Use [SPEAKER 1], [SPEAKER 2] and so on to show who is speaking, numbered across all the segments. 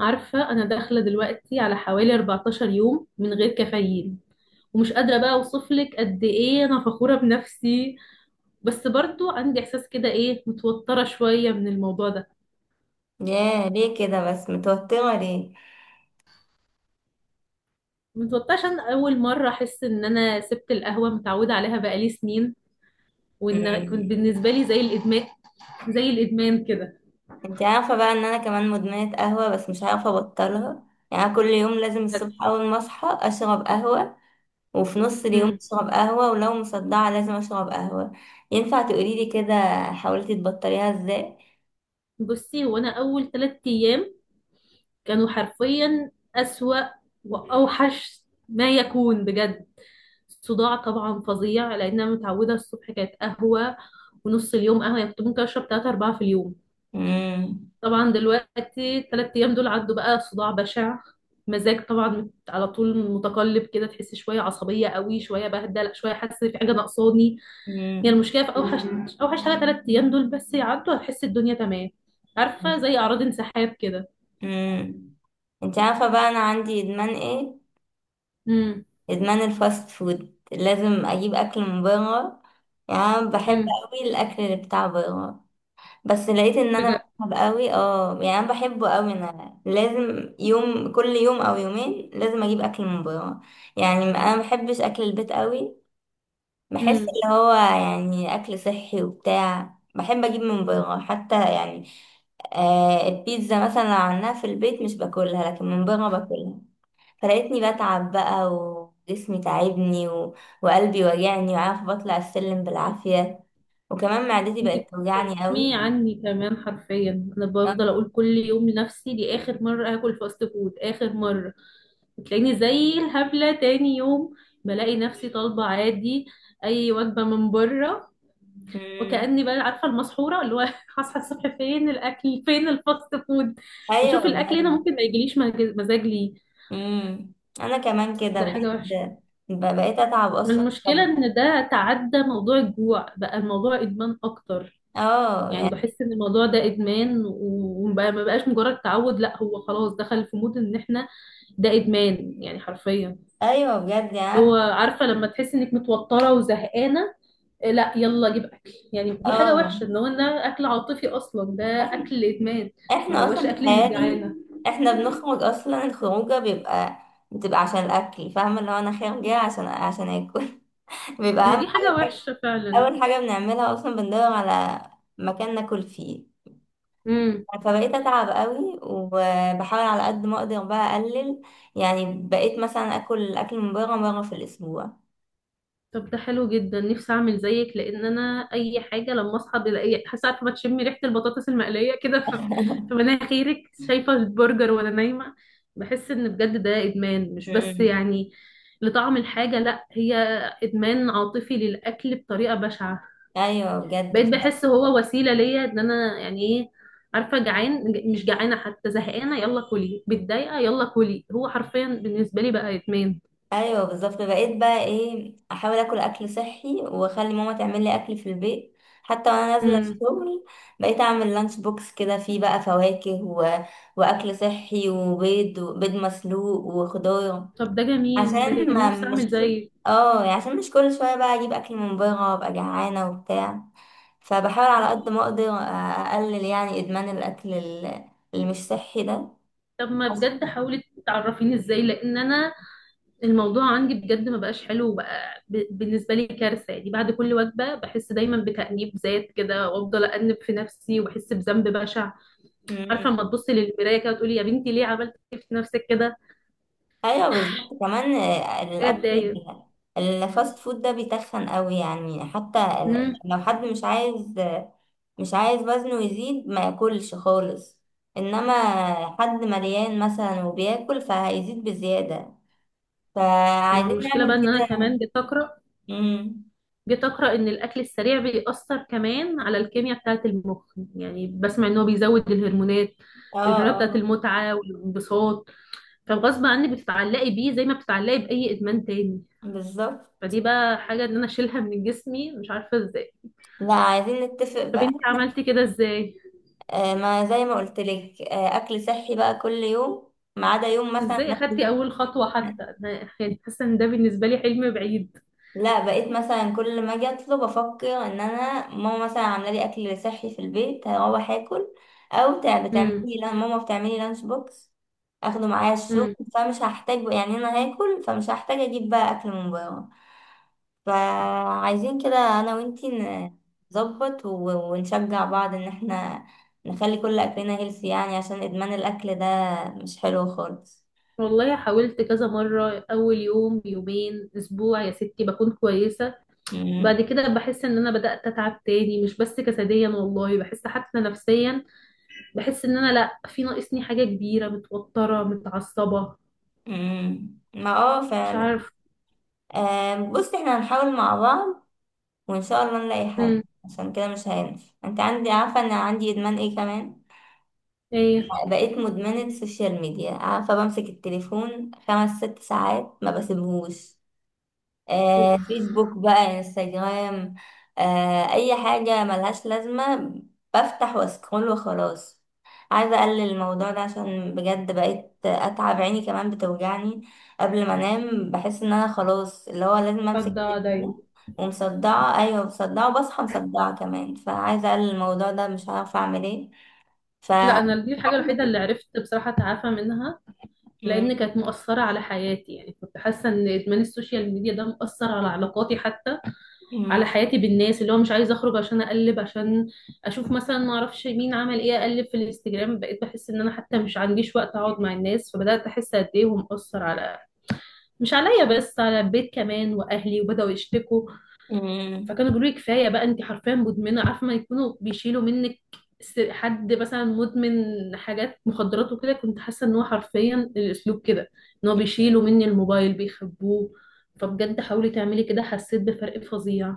[SPEAKER 1] عارفة أنا داخلة دلوقتي على حوالي 14 يوم من غير كافيين، ومش قادرة بقى أوصفلك قد إيه أنا فخورة بنفسي. بس برضو عندي إحساس كده إيه، متوترة شوية من الموضوع ده.
[SPEAKER 2] ياه، ليه كده بس؟ متوترة ليه؟
[SPEAKER 1] متوترة عشان أول مرة أحس إن أنا سبت القهوة، متعودة عليها بقالي سنين، وإن كنت
[SPEAKER 2] مم.
[SPEAKER 1] بالنسبة لي زي الإدمان. زي الإدمان كده
[SPEAKER 2] انت عارفة بقى ان انا كمان مدمنة قهوة، بس مش عارفة ابطلها. يعني أنا كل يوم لازم الصبح اول ما اصحى اشرب قهوة، وفي نص اليوم
[SPEAKER 1] أمم.
[SPEAKER 2] اشرب قهوة، ولو مصدعة لازم اشرب قهوة. ينفع تقوليلي كده؟ حاولتي تبطليها ازاي؟
[SPEAKER 1] بصي، هو أنا أول ثلاث أيام كانوا حرفيا أسوأ وأوحش ما يكون بجد. صداع طبعا فظيع، لان انا متعوده الصبح كانت قهوه، ونص اليوم قهوه. يعني كنت ممكن اشرب 3 4 في اليوم.
[SPEAKER 2] مم.
[SPEAKER 1] طبعا دلوقتي الثلاث ايام دول عدوا بقى، صداع بشع، مزاج طبعا على طول متقلب كده، تحس شويه عصبيه قوي، شويه بهدل، شويه حاسه في حاجه ناقصاني.
[SPEAKER 2] مم.
[SPEAKER 1] يعني المشكله في اوحش حاجه، ثلاث ايام دول بس يعدوا هتحس الدنيا تمام. عارفه زي اعراض انسحاب كده.
[SPEAKER 2] مم. انت عارفة بقى انا عندي ادمان ايه؟
[SPEAKER 1] امم.
[SPEAKER 2] ادمان الفاست فود، لازم اجيب اكل من بره. يعني أنا بحب
[SPEAKER 1] امم.
[SPEAKER 2] قوي الاكل اللي بتاع بره. بس لقيت ان انا بحب قوي، يعني انا بحبه قوي، انا لازم يوم، كل يوم او يومين لازم اجيب اكل من بره. يعني انا ما بحبش اكل البيت قوي. بحس
[SPEAKER 1] بجد
[SPEAKER 2] اللي هو يعني اكل صحي وبتاع، بحب اجيب من بره حتى، يعني آه البيتزا مثلا لو عملناها في البيت مش باكلها، لكن من بره باكلها. فلقيتني بتعب بقى وجسمي تعبني وقلبي وجعني، وعارفه بطلع السلم بالعافيه، وكمان معدتي
[SPEAKER 1] انت
[SPEAKER 2] بقت توجعني
[SPEAKER 1] بتتكلمي
[SPEAKER 2] قوي.
[SPEAKER 1] عني كمان، حرفيا انا بفضل اقول كل يوم لنفسي دي اخر مره هاكل فاست فود، اخر مره. بتلاقيني زي الهبله تاني يوم بلاقي نفسي طالبه عادي اي وجبه من بره، وكاني بقى عارفه المسحوره اللي هو هصحى الصبح فين الاكل، فين الفاست فود. واشوف
[SPEAKER 2] ايوه،
[SPEAKER 1] الاكل هنا
[SPEAKER 2] بجد.
[SPEAKER 1] ممكن ما يجيليش مزاج ليه.
[SPEAKER 2] امم انا كمان كده
[SPEAKER 1] ده حاجه وحشه.
[SPEAKER 2] بجد، بقيت اتعب
[SPEAKER 1] ما
[SPEAKER 2] اصلا.
[SPEAKER 1] المشكله
[SPEAKER 2] طب
[SPEAKER 1] ان ده تعدى موضوع الجوع، بقى الموضوع ادمان اكتر.
[SPEAKER 2] اه،
[SPEAKER 1] يعني
[SPEAKER 2] يعني
[SPEAKER 1] بحس ان الموضوع ده ادمان، وما ما بقاش مجرد تعود، لا هو خلاص دخل في مود ان احنا ده ادمان يعني حرفيا.
[SPEAKER 2] ايوه بجد. يعني أنا
[SPEAKER 1] هو عارفه لما تحس انك متوتره وزهقانه، آه، لا يلا جيب اكل. يعني دي حاجه
[SPEAKER 2] اه
[SPEAKER 1] وحشه ان هو ده اكل عاطفي اصلا ده،
[SPEAKER 2] احنا
[SPEAKER 1] اكل ادمان. ما
[SPEAKER 2] احنا
[SPEAKER 1] هوش
[SPEAKER 2] اصلا
[SPEAKER 1] اكل انك
[SPEAKER 2] تخيلي،
[SPEAKER 1] جعانه.
[SPEAKER 2] احنا بنخرج اصلا. الخروجه بيبقى، بتبقى عشان الاكل، فاهمه، اللي هو انا خارجه عشان اكل. بيبقى
[SPEAKER 1] هي
[SPEAKER 2] اهم
[SPEAKER 1] دي
[SPEAKER 2] حاجه
[SPEAKER 1] حاجه
[SPEAKER 2] الأكل.
[SPEAKER 1] وحشه فعلا.
[SPEAKER 2] اول حاجه بنعملها اصلا بندور على مكان ناكل فيه. فبقيت اتعب قوي وبحاول على قد ما اقدر بقى اقلل. يعني بقيت مثلا اكل اكل من بره مره في الاسبوع.
[SPEAKER 1] طب ده حلو جدا، نفسي اعمل زيك. لان انا اي حاجه لما اصحى بلاقي حاسه، عارفه بتشمي ريحه البطاطس المقليه كده في في مناخيرك، شايفه البرجر وانا نايمه. بحس ان بجد ده ادمان، مش بس
[SPEAKER 2] مم.
[SPEAKER 1] يعني لطعم الحاجه، لا هي ادمان عاطفي للاكل بطريقه بشعه.
[SPEAKER 2] ايوه،
[SPEAKER 1] بقيت
[SPEAKER 2] بجد.
[SPEAKER 1] بحس هو وسيله ليا ان انا يعني ايه، عارفه جعان مش جعانه حتى، زهقانه يلا كلي، متضايقه يلا كلي. هو حرفيا بالنسبه لي بقى ادمان.
[SPEAKER 2] ايوه بالظبط، بقيت بقى ايه احاول اكل اكل صحي واخلي ماما تعمل لي اكل في البيت، حتى وانا نازله
[SPEAKER 1] امم.
[SPEAKER 2] الشغل. بقيت اعمل لانش بوكس كده، فيه بقى فواكه واكل صحي وبيض، وبيض مسلوق وخضار.
[SPEAKER 1] طب ده جميل، ده
[SPEAKER 2] عشان
[SPEAKER 1] جميل،
[SPEAKER 2] ما
[SPEAKER 1] نفسي
[SPEAKER 2] مش
[SPEAKER 1] اعمل
[SPEAKER 2] كل،
[SPEAKER 1] زيك.
[SPEAKER 2] اه يعني عشان مش كل شويه بقى اجيب اكل من بره وابقى جعانه وبتاع. فبحاول على قد ما اقدر اقلل يعني ادمان الاكل اللي مش صحي ده.
[SPEAKER 1] طب ما بجد حاولي تعرفيني ازاي، لان انا الموضوع عندي بجد ما بقاش حلو، وبقى بالنسبه لي كارثه. يعني بعد كل وجبه بحس دايما بتانيب ذات كده، وافضل انب في نفسي وبحس بذنب بشع.
[SPEAKER 2] مم.
[SPEAKER 1] عارفه لما تبصي للمرايه كده وتقولي يا بنتي ليه عملت في نفسك كده؟
[SPEAKER 2] ايوه بالظبط كمان،
[SPEAKER 1] حاجه
[SPEAKER 2] الاكل
[SPEAKER 1] تضايق.
[SPEAKER 2] الفاست فود ده بيتخن قوي. يعني حتى يعني
[SPEAKER 1] امم.
[SPEAKER 2] لو حد مش عايز وزنه يزيد، ما ياكلش خالص. انما حد مليان مثلا وبياكل، فهيزيد بزيادة.
[SPEAKER 1] ما هو
[SPEAKER 2] فعايزين
[SPEAKER 1] المشكله بقى
[SPEAKER 2] نعمل
[SPEAKER 1] ان انا
[SPEAKER 2] كده.
[SPEAKER 1] كمان جيت اقرا
[SPEAKER 2] امم
[SPEAKER 1] جيت اقرا ان الاكل السريع بيأثر كمان على الكيمياء بتاعه المخ. يعني بسمع ان هو بيزود الهرمونات،
[SPEAKER 2] اه،
[SPEAKER 1] الهرمونات بتاعه
[SPEAKER 2] اه.
[SPEAKER 1] المتعه والانبساط، فغصب عني بتتعلقي بيه زي ما بتتعلقي بأي إدمان تاني.
[SPEAKER 2] بالظبط.
[SPEAKER 1] فدي بقى حاجة إن أنا أشيلها من جسمي مش عارفة إزاي.
[SPEAKER 2] لا عايزين نتفق
[SPEAKER 1] طب
[SPEAKER 2] بقى.
[SPEAKER 1] أنت عملتي كده إزاي؟
[SPEAKER 2] آه، ما زي ما قلت لك، اكل صحي بقى كل يوم، ما عدا يوم مثلا
[SPEAKER 1] إزاي
[SPEAKER 2] ناكل.
[SPEAKER 1] أخدتي أول خطوة حتى؟ أنا يعني حاسة إن ده بالنسبة لي حلم بعيد.
[SPEAKER 2] لا بقيت مثلا كل ما اجي اطلب افكر ان انا ماما مثلا عامله لي اكل صحي في البيت، هروح اكل. او
[SPEAKER 1] امم.
[SPEAKER 2] بتعملي، لان ماما بتعملي لانش بوكس، اخده معايا الشغل،
[SPEAKER 1] امم.
[SPEAKER 2] فمش هحتاج، يعني انا هاكل فمش هحتاج اجيب بقى اكل من بره. فعايزين كده انا وانتي، نظبط ونشجع بعض، ان احنا نخلي كل اكلنا هيلثي، يعني عشان ادمان الاكل ده مش حلو خالص.
[SPEAKER 1] والله حاولت كذا مرة، أول يوم يومين أسبوع يا ستي بكون كويسة،
[SPEAKER 2] مم.
[SPEAKER 1] بعد كده بحس إن أنا بدأت أتعب تاني، مش بس جسديا، والله بحس حتى نفسيا. بحس إن أنا لأ، في ناقصني حاجة كبيرة، متوترة متعصبة،
[SPEAKER 2] مم. ما
[SPEAKER 1] مش
[SPEAKER 2] فعلا.
[SPEAKER 1] عارفة.
[SPEAKER 2] آه، بص، احنا هنحاول مع بعض وان شاء الله نلاقي حل.
[SPEAKER 1] امم.
[SPEAKER 2] عشان كده مش هينفع. انت عندي، عارفه ان عندي ادمان ايه كمان؟
[SPEAKER 1] ايه.
[SPEAKER 2] بقيت مدمنه السوشيال ميديا، عارفه بمسك التليفون خمس ست ساعات ما بسيبهوش.
[SPEAKER 1] اوف.
[SPEAKER 2] آه، فيسبوك بقى، انستجرام، آه، اي حاجة ملهاش لازمة بفتح واسكرول وخلاص. عايزة اقلل الموضوع ده، عشان بجد بقيت اتعب، عيني كمان بتوجعني قبل ما انام، بحس ان انا خلاص اللي هو لازم
[SPEAKER 1] طب
[SPEAKER 2] امسك
[SPEAKER 1] ده دايما؟
[SPEAKER 2] التليفون، ومصدعة، ايوه مصدعة، وبصحى مصدعة كمان. فعايزة اقلل الموضوع ده، مش عارفة اعمل ايه. ف
[SPEAKER 1] لا انا دي الحاجه الوحيده
[SPEAKER 2] كده.
[SPEAKER 1] اللي عرفت بصراحه اتعافى منها. لان
[SPEAKER 2] مم.
[SPEAKER 1] كانت مؤثره على حياتي، يعني كنت حاسه ان ادمان السوشيال ميديا ده مؤثر على علاقاتي حتى، على
[SPEAKER 2] مم.
[SPEAKER 1] حياتي بالناس، اللي هو مش عايزه اخرج عشان اقلب، عشان اشوف مثلا ما اعرفش مين عمل ايه، اقلب في الانستجرام. بقيت بحس ان انا حتى مش عنديش وقت اقعد مع الناس، فبدات احس قد ايه هو مؤثر، على مش عليا بس، على البيت كمان واهلي، وبداوا يشتكوا.
[SPEAKER 2] مم.
[SPEAKER 1] فكانوا بيقولوا لي كفايه بقى، انت حرفيا مدمنه، عارفه ما يكونوا بيشيلوا منك، حد مثلا مدمن حاجات مخدرات وكده، كنت حاسه ان هو حرفيا الاسلوب كده، ان هو بيشيلوا مني الموبايل بيخبوه. فبجد حاولي تعملي كده، حسيت بفرق فظيع.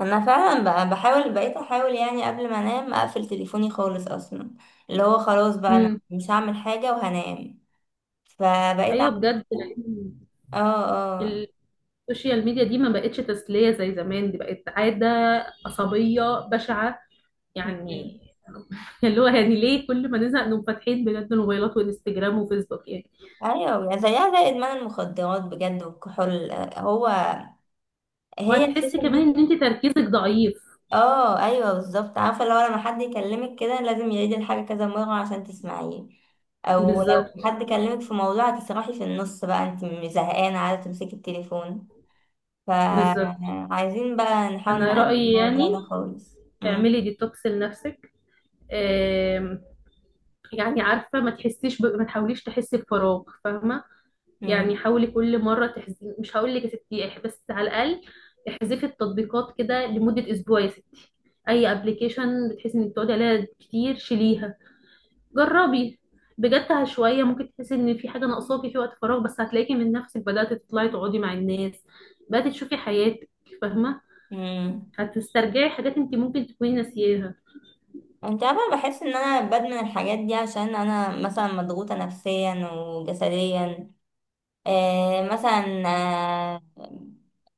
[SPEAKER 2] انا فعلا بحاول، بقيت احاول يعني قبل ما انام اقفل تليفوني خالص اصلا، اللي هو خلاص بقى انا
[SPEAKER 1] امم.
[SPEAKER 2] مش هعمل حاجة وهنام. فبقيت
[SPEAKER 1] ايوه
[SPEAKER 2] اعمل
[SPEAKER 1] بجد،
[SPEAKER 2] كده.
[SPEAKER 1] لان
[SPEAKER 2] اه، اه.
[SPEAKER 1] السوشيال ميديا دي ما بقتش تسليه زي زمان، دي بقت عاده عصبيه بشعه يعني.
[SPEAKER 2] م-
[SPEAKER 1] اللي هو يعني ليه كل ما نزهق نقوم فاتحين بجد الموبايلات وانستجرام وفيسبوك يعني.
[SPEAKER 2] ايوه، يعني زيها زي ادمان المخدرات بجد، والكحول، آه، هو هي
[SPEAKER 1] وهتحسي
[SPEAKER 2] السوشيال
[SPEAKER 1] كمان
[SPEAKER 2] ميديا.
[SPEAKER 1] ان انت تركيزك ضعيف.
[SPEAKER 2] اه ايوه بالظبط. عارفه لو لما حد يكلمك كده لازم يعيد الحاجه كذا مره عشان تسمعيه، او لو
[SPEAKER 1] بالظبط.
[SPEAKER 2] حد كلمك في موضوع هتسرحي في النص بقى، انت مش زهقانه عايزه تمسكي التليفون.
[SPEAKER 1] بالظبط.
[SPEAKER 2] فعايزين بقى نحاول
[SPEAKER 1] انا
[SPEAKER 2] نقلل
[SPEAKER 1] رأيي
[SPEAKER 2] الموضوع
[SPEAKER 1] يعني
[SPEAKER 2] ده خالص. مم.
[SPEAKER 1] اعملي ديتوكس لنفسك. آم، يعني عارفة ما تحسيش ما تحاوليش تحسي بفراغ، فاهمة؟
[SPEAKER 2] مم.
[SPEAKER 1] يعني حاولي كل مرة تحزي، مش هقول لك يا ستي بس على الأقل احذفي التطبيقات كده لمدة اسبوع يا ستي. اي ابلكيشن بتحسي انك بتقعدي عليها كتير شيليها. جربي بجد، شويه ممكن تحسي ان في حاجه ناقصاكي في وقت فراغ، بس هتلاقيكي من نفسك بدات تطلعي تقعدي مع الناس، بدات تشوفي حياتك، فاهمه؟
[SPEAKER 2] مم.
[SPEAKER 1] هتسترجعي حاجات انت ممكن تكوني ناسياها.
[SPEAKER 2] انت عارفة، بحس ان انا بدمن الحاجات دي عشان انا مثلا مضغوطة نفسيا وجسديا، مثلا،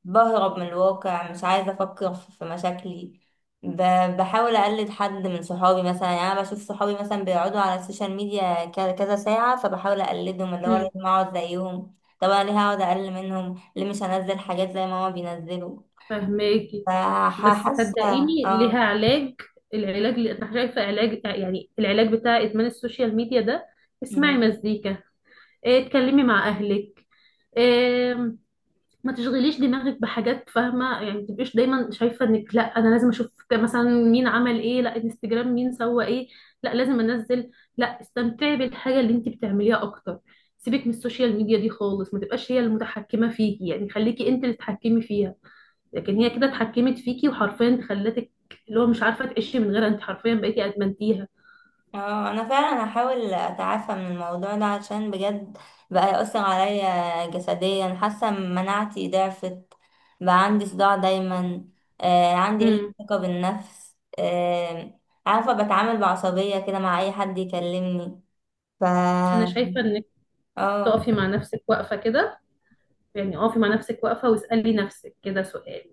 [SPEAKER 2] بهرب من الواقع، مش عايزة أفكر في مشاكلي. بحاول أقلد حد من صحابي مثلا، يعني أنا بشوف صحابي مثلا بيقعدوا على السوشيال ميديا كذا كذا ساعة، فبحاول أقلدهم اللي هو
[SPEAKER 1] مم.
[SPEAKER 2] لازم أقعد زيهم. طب أنا ليه هقعد أقل منهم؟ ليه مش هنزل حاجات زي ما هما بينزلوا؟
[SPEAKER 1] فاهماكي. بس
[SPEAKER 2] فحاسة.
[SPEAKER 1] صدقيني ليها
[SPEAKER 2] اه،
[SPEAKER 1] علاج. العلاج اللي انا شايفه علاج يعني، العلاج بتاع ادمان السوشيال ميديا ده، اسمعي مزيكا، إيه اتكلمي مع اهلك، ما تشغليش دماغك بحاجات، فاهمه يعني؟ ما تبقيش دايما شايفه انك لا انا لازم اشوف مثلا مين عمل ايه، لا انستجرام مين سوى ايه، لا لازم انزل. لا، استمتعي بالحاجه اللي انت بتعمليها اكتر. سيبك من السوشيال ميديا دي خالص، ما تبقاش هي المتحكمه فيكي، يعني خليكي انت اللي تتحكمي فيها. لكن هي كده اتحكمت فيكي وحرفيا خلتك اللي هو مش عارفه تعيشي من غيرها، انت حرفيا بقيتي ادمنتيها.
[SPEAKER 2] اه. انا فعلا هحاول اتعافى من الموضوع ده عشان بجد بقى يأثر عليا جسديا، حاسه مناعتي ضعفت، بقى عندي صداع دايما، عندي قله
[SPEAKER 1] امم.
[SPEAKER 2] ثقه بالنفس، عارفه بتعامل بعصبيه كده مع اي حد يكلمني. ف
[SPEAKER 1] انا شايفه انك
[SPEAKER 2] اه.
[SPEAKER 1] تقفي مع نفسك واقفه كده. يعني اقفي مع نفسك واقفة واسألي نفسك كده سؤال،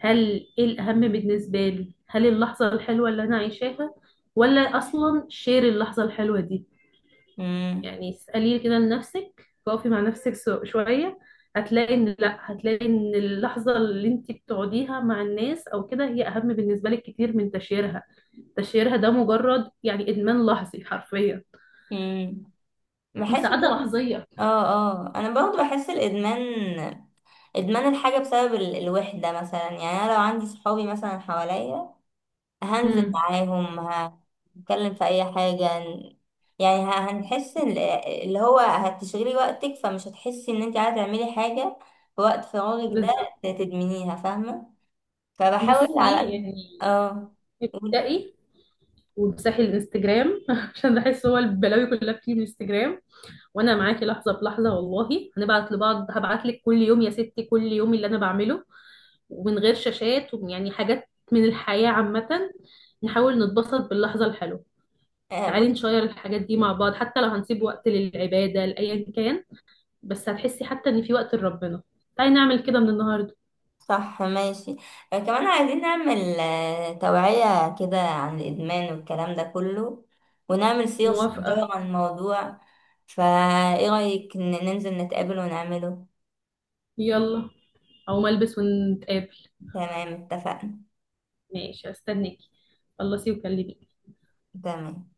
[SPEAKER 1] هل ايه الأهم بالنسبة لي، هل اللحظة الحلوة اللي أنا عايشاها، ولا أصلا شير اللحظة الحلوة دي؟
[SPEAKER 2] امم
[SPEAKER 1] يعني اسألي كده لنفسك، واقفي مع نفسك شوية. هتلاقي ان لا، هتلاقي ان اللحظة اللي انت بتقعديها مع الناس او كده هي اهم بالنسبة لك كتير من تشيرها. تشيرها ده مجرد يعني ادمان لحظي حرفيا،
[SPEAKER 2] امم بحس
[SPEAKER 1] مساعدة لحظية.
[SPEAKER 2] اه، اه. انا برضو بحس الادمان، ادمان الحاجه بسبب الوحده مثلا. يعني انا لو عندي صحابي مثلا حواليا هنزل
[SPEAKER 1] امم.
[SPEAKER 2] معاهم، هنتكلم في اي حاجة، يعني هنحس اللي هو هتشغلي وقتك، فمش هتحسي ان انت عايزة تعملي حاجة في وقت فراغك ده.
[SPEAKER 1] بالظبط.
[SPEAKER 2] تدمنيها، فاهمة. فبحاول على
[SPEAKER 1] بصي
[SPEAKER 2] قد.
[SPEAKER 1] يعني
[SPEAKER 2] اه. قولي.
[SPEAKER 1] ابدأي وامسحي الانستجرام عشان بحس هو البلاوي كلها بتيجي من الانستجرام. وانا معاكي لحظه بلحظه والله، هنبعت لبعض، هبعت لك كل يوم يا ستي كل يوم اللي انا بعمله، ومن غير شاشات، ويعني حاجات من الحياه عامه. نحاول نتبسط باللحظه الحلوه،
[SPEAKER 2] آه،
[SPEAKER 1] تعالي
[SPEAKER 2] بص.
[SPEAKER 1] نشير الحاجات دي مع بعض، حتى لو هنسيب وقت للعباده لايا كان، بس هتحسي حتى ان في وقت لربنا. تعالي نعمل كده من النهارده.
[SPEAKER 2] صح، ماشي. آه، كمان عايزين نعمل توعية كده عن الإدمان والكلام ده كله، ونعمل سيرة
[SPEAKER 1] موافقه.
[SPEAKER 2] صغيرة عن الموضوع. فايه رأيك ننزل نتقابل ونعمله؟
[SPEAKER 1] يلا، او ملبس ونتقابل.
[SPEAKER 2] تمام، اتفقنا.
[SPEAKER 1] ماشي استنيكي، خلصي وكلميني.
[SPEAKER 2] تمام.